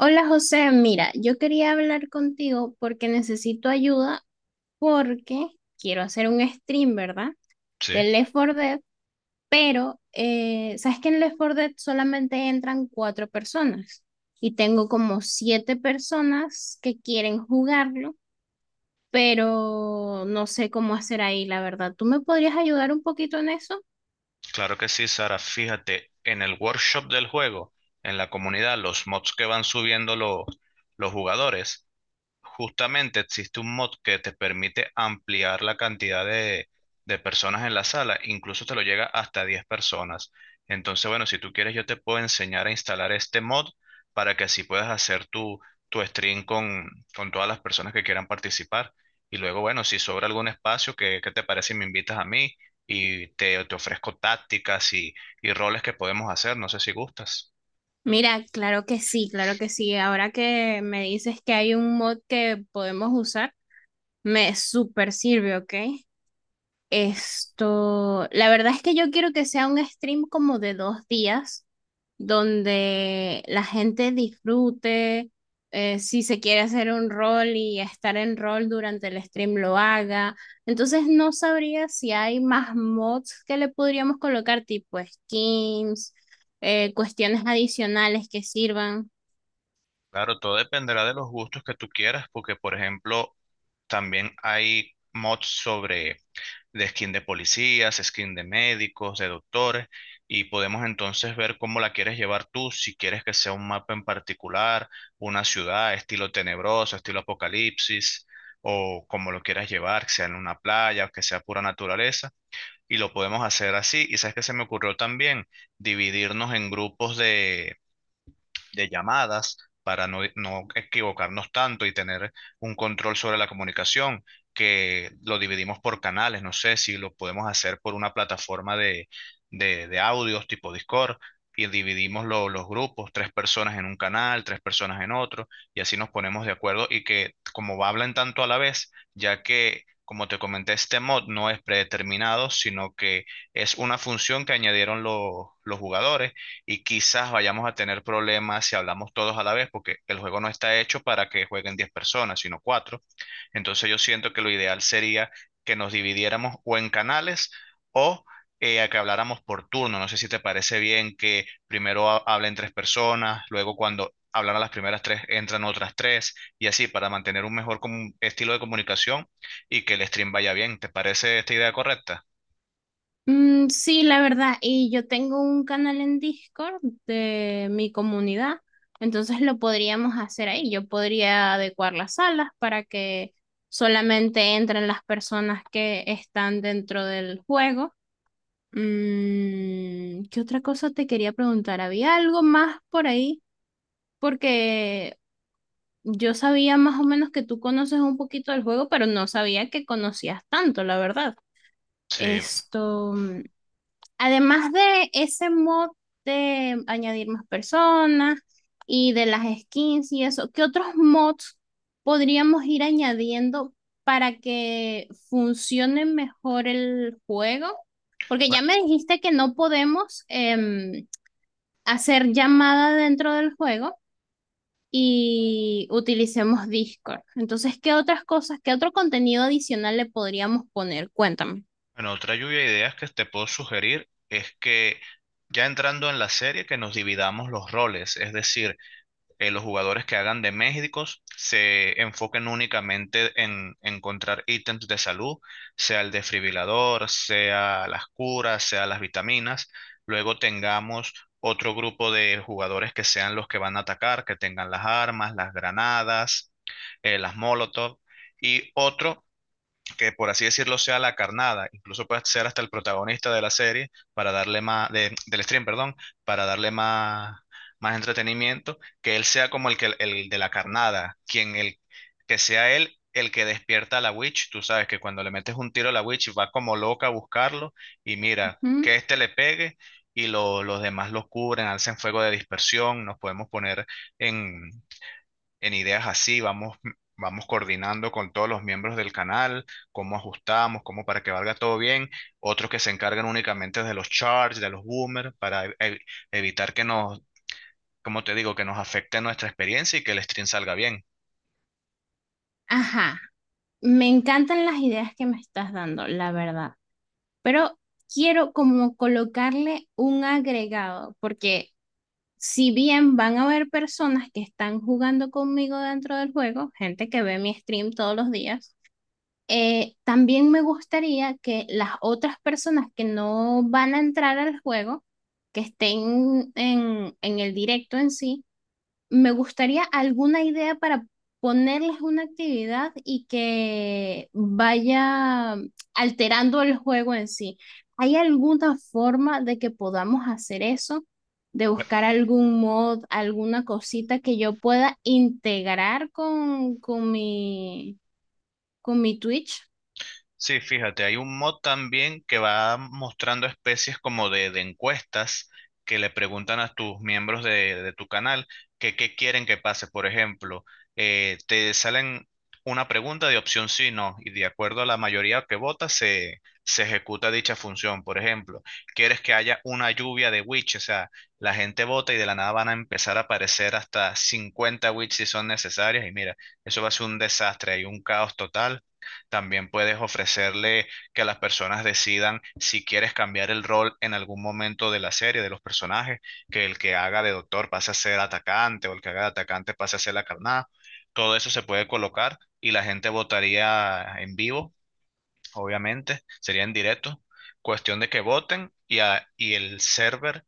Hola José, mira, yo quería hablar contigo porque necesito ayuda porque quiero hacer un stream, ¿verdad? Sí, De Left 4 Dead, pero ¿sabes que en Left 4 Dead solamente entran cuatro personas? Y tengo como siete personas que quieren jugarlo, pero no sé cómo hacer ahí, la verdad. ¿Tú me podrías ayudar un poquito en eso? claro que sí, Sara. Fíjate, en el workshop del juego, en la comunidad, los mods que van subiendo los jugadores, justamente existe un mod que te permite ampliar la cantidad de personas en la sala, incluso te lo llega hasta 10 personas. Entonces, bueno, si tú quieres, yo te puedo enseñar a instalar este mod para que así puedas hacer tu stream con todas las personas que quieran participar. Y luego, bueno, si sobra algún espacio, ¿qué te parece si me invitas a mí y te ofrezco tácticas y roles que podemos hacer? No sé si gustas. Mira, claro que sí, claro que sí. Ahora que me dices que hay un mod que podemos usar. Me super sirve, ¿ok? Esto, la verdad es que yo quiero que sea un stream como de dos días, donde la gente disfrute, si se quiere hacer un rol y estar en rol durante el stream lo haga. Entonces no sabría si hay más mods que le podríamos colocar, tipo skins, cuestiones adicionales que sirvan. Claro, todo dependerá de los gustos que tú quieras, porque, por ejemplo, también hay mods sobre de skin de policías, skin de médicos, de doctores, y podemos entonces ver cómo la quieres llevar tú, si quieres que sea un mapa en particular, una ciudad, estilo tenebroso, estilo apocalipsis, o como lo quieras llevar, que sea en una playa, que sea pura naturaleza, y lo podemos hacer así. Y sabes que se me ocurrió también dividirnos en grupos de llamadas para no, no equivocarnos tanto y tener un control sobre la comunicación, que lo dividimos por canales. No sé si lo podemos hacer por una plataforma de audios tipo Discord y dividimos los grupos, tres personas en un canal, tres personas en otro, y así nos ponemos de acuerdo, y que como hablan tanto a la vez, ya que, como te comenté, este mod no es predeterminado, sino que es una función que añadieron los jugadores, y quizás vayamos a tener problemas si hablamos todos a la vez, porque el juego no está hecho para que jueguen 10 personas, sino cuatro. Entonces yo siento que lo ideal sería que nos dividiéramos o en canales o a que habláramos por turno. No sé si te parece bien que primero hablen tres personas, luego cuando hablan a las primeras tres entran otras tres, y así para mantener un mejor estilo de comunicación y que el stream vaya bien. ¿Te parece esta idea correcta? Mm, sí, la verdad, y yo tengo un canal en Discord de mi comunidad, entonces lo podríamos hacer ahí. Yo podría adecuar las salas para que solamente entren las personas que están dentro del juego. Mm, ¿qué otra cosa te quería preguntar? ¿Había algo más por ahí? Porque yo sabía más o menos que tú conoces un poquito del juego, pero no sabía que conocías tanto, la verdad. Sí. Esto. Además de ese mod de añadir más personas y de las skins y eso, ¿qué otros mods podríamos ir añadiendo para que funcione mejor el juego? Porque ya me dijiste que no podemos hacer llamada dentro del juego y utilicemos Discord. Entonces, ¿qué otras cosas, qué otro contenido adicional le podríamos poner? Cuéntame. Bueno, otra lluvia de ideas que te puedo sugerir es que, ya entrando en la serie, que nos dividamos los roles, es decir, los jugadores que hagan de médicos se enfoquen únicamente en encontrar ítems de salud, sea el desfibrilador, sea las curas, sea las vitaminas. Luego tengamos otro grupo de jugadores que sean los que van a atacar, que tengan las armas, las granadas, las molotov, y otro que, por así decirlo, sea la carnada. Incluso puede ser hasta el protagonista de la serie para darle más, del stream, perdón, para darle más, más entretenimiento, que él sea como el que el de la carnada, quien el que sea él el que despierta a la witch. Tú sabes que cuando le metes un tiro a la witch va como loca a buscarlo, y mira, que Ujú. este le pegue y los demás los cubren, alcen fuego de dispersión. Nos podemos poner en en ideas así, vamos, vamos coordinando con todos los miembros del canal, cómo ajustamos, cómo para que valga todo bien. Otros que se encargan únicamente de los charts, de los boomers, para evitar que nos, como te digo, que nos afecte nuestra experiencia y que el stream salga bien. Ajá. Me encantan las ideas que me estás dando, la verdad, pero quiero como colocarle un agregado, porque si bien van a haber personas que están jugando conmigo dentro del juego, gente que ve mi stream todos los días, también me gustaría que las otras personas que no van a entrar al juego, que estén en el directo en sí, me gustaría alguna idea para ponerles una actividad y que vaya alterando el juego en sí. ¿Hay alguna forma de que podamos hacer eso? De buscar algún mod, alguna cosita que yo pueda integrar con con mi Twitch. Sí, fíjate, hay un mod también que va mostrando especies como de encuestas que le preguntan a tus miembros de tu canal que qué quieren que pase. Por ejemplo, te salen una pregunta de opción sí, no, y de acuerdo a la mayoría que vota se ejecuta dicha función. Por ejemplo, quieres que haya una lluvia de witch, o sea, la gente vota y de la nada van a empezar a aparecer hasta 50 witch si son necesarias, y mira, eso va a ser un desastre, hay un caos total. También puedes ofrecerle que las personas decidan si quieres cambiar el rol en algún momento de la serie, de los personajes, que el que haga de doctor pase a ser atacante o el que haga de atacante pase a ser la carnada. Todo eso se puede colocar y la gente votaría en vivo, obviamente, sería en directo. Cuestión de que voten y, y el server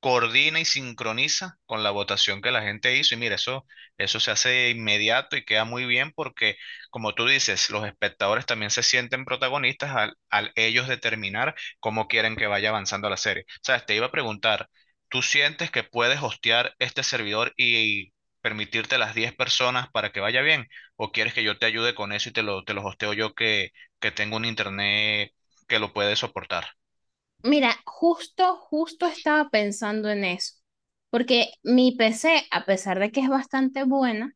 coordina y sincroniza con la votación que la gente hizo. Y mira, eso se hace inmediato y queda muy bien porque, como tú dices, los espectadores también se sienten protagonistas al ellos determinar cómo quieren que vaya avanzando la serie. Sabes, te iba a preguntar, ¿tú sientes que puedes hostear este servidor y permitirte las 10 personas para que vaya bien? ¿O quieres que yo te ayude con eso y te lo hosteo yo que tengo un internet que lo puede soportar? Mira, justo, justo estaba pensando en eso, porque mi PC, a pesar de que es bastante buena,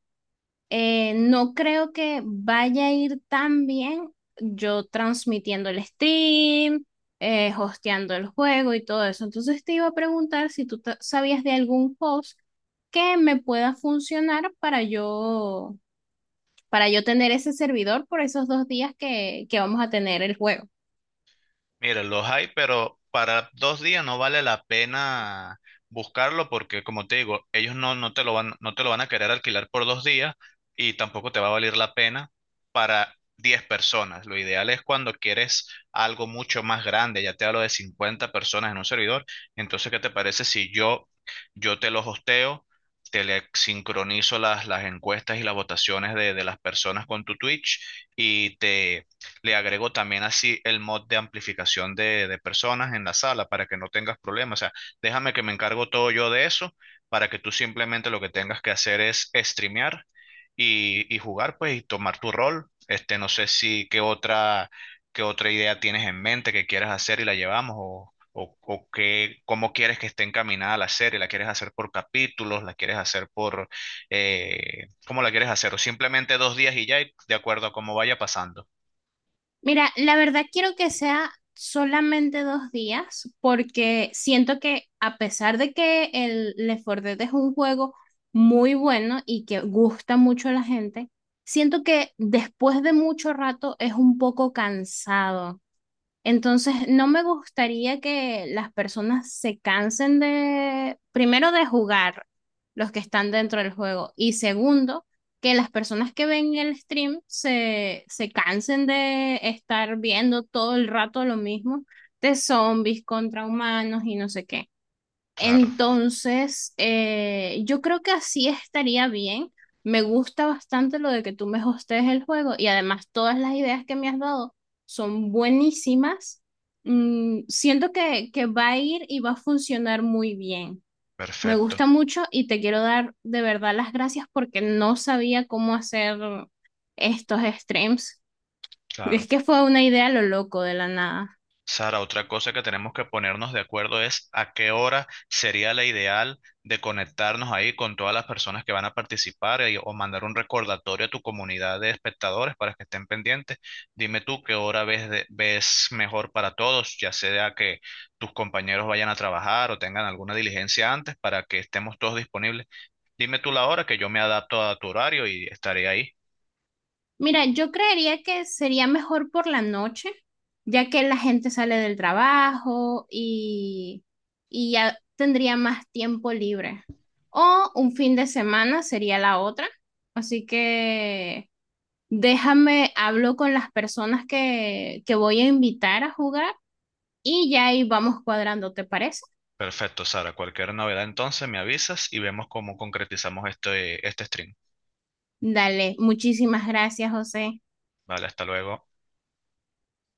eh, no creo que vaya a ir tan bien yo transmitiendo el stream, hosteando el juego y todo eso. Entonces te iba a preguntar si tú sabías de algún host que me pueda funcionar para yo tener ese servidor por esos dos días que vamos a tener el juego. Mira, los hay, pero para 2 días no vale la pena buscarlo porque, como te digo, ellos no, no te lo van, no te lo van a querer alquilar por 2 días, y tampoco te va a valer la pena para 10 personas. Lo ideal es cuando quieres algo mucho más grande, ya te hablo de 50 personas en un servidor. Entonces, ¿qué te parece si yo te los hosteo, te le sincronizo las encuestas y las votaciones de las personas con tu Twitch, y te le agrego también así el mod de amplificación de personas en la sala para que no tengas problemas? O sea, déjame que me encargo todo yo de eso para que tú simplemente lo que tengas que hacer es streamear y jugar, pues, y tomar tu rol. Este, no sé si qué otra idea tienes en mente que quieras hacer y la llevamos, o qué, cómo quieres que esté encaminada la serie. ¿La quieres hacer por capítulos? ¿La quieres hacer por, cómo la quieres hacer? O simplemente 2 días y ya, y de acuerdo a cómo vaya pasando. Mira, la verdad quiero que sea solamente dos días porque siento que a pesar de que el Left 4 Dead es un juego muy bueno y que gusta mucho a la gente, siento que después de mucho rato es un poco cansado. Entonces, no me gustaría que las personas se cansen de, primero, de jugar los que están dentro del juego y segundo, que las personas que ven el stream se cansen de estar viendo todo el rato lo mismo de zombies contra humanos y no sé qué. Claro. Entonces, yo creo que así estaría bien. Me gusta bastante lo de que tú me hostees el juego y además todas las ideas que me has dado son buenísimas. Mm, siento que va a ir y va a funcionar muy bien. Me Perfecto, gusta mucho y te quiero dar de verdad las gracias porque no sabía cómo hacer estos streams. Es claro. que fue una idea a lo loco de la nada. Sara, otra cosa que tenemos que ponernos de acuerdo es a qué hora sería la ideal de conectarnos ahí con todas las personas que van a participar, o mandar un recordatorio a tu comunidad de espectadores para que estén pendientes. Dime tú qué hora ves, ves mejor para todos, ya sea que tus compañeros vayan a trabajar o tengan alguna diligencia antes, para que estemos todos disponibles. Dime tú la hora, que yo me adapto a tu horario y estaré ahí. Mira, yo creería que sería mejor por la noche, ya que la gente sale del trabajo y ya tendría más tiempo libre. O un fin de semana sería la otra. Así que déjame, hablo con las personas que voy a invitar a jugar y ya ahí vamos cuadrando, ¿te parece? Perfecto, Sara. Cualquier novedad entonces me avisas y vemos cómo concretizamos este stream. Dale, muchísimas gracias, José. Vale, hasta luego.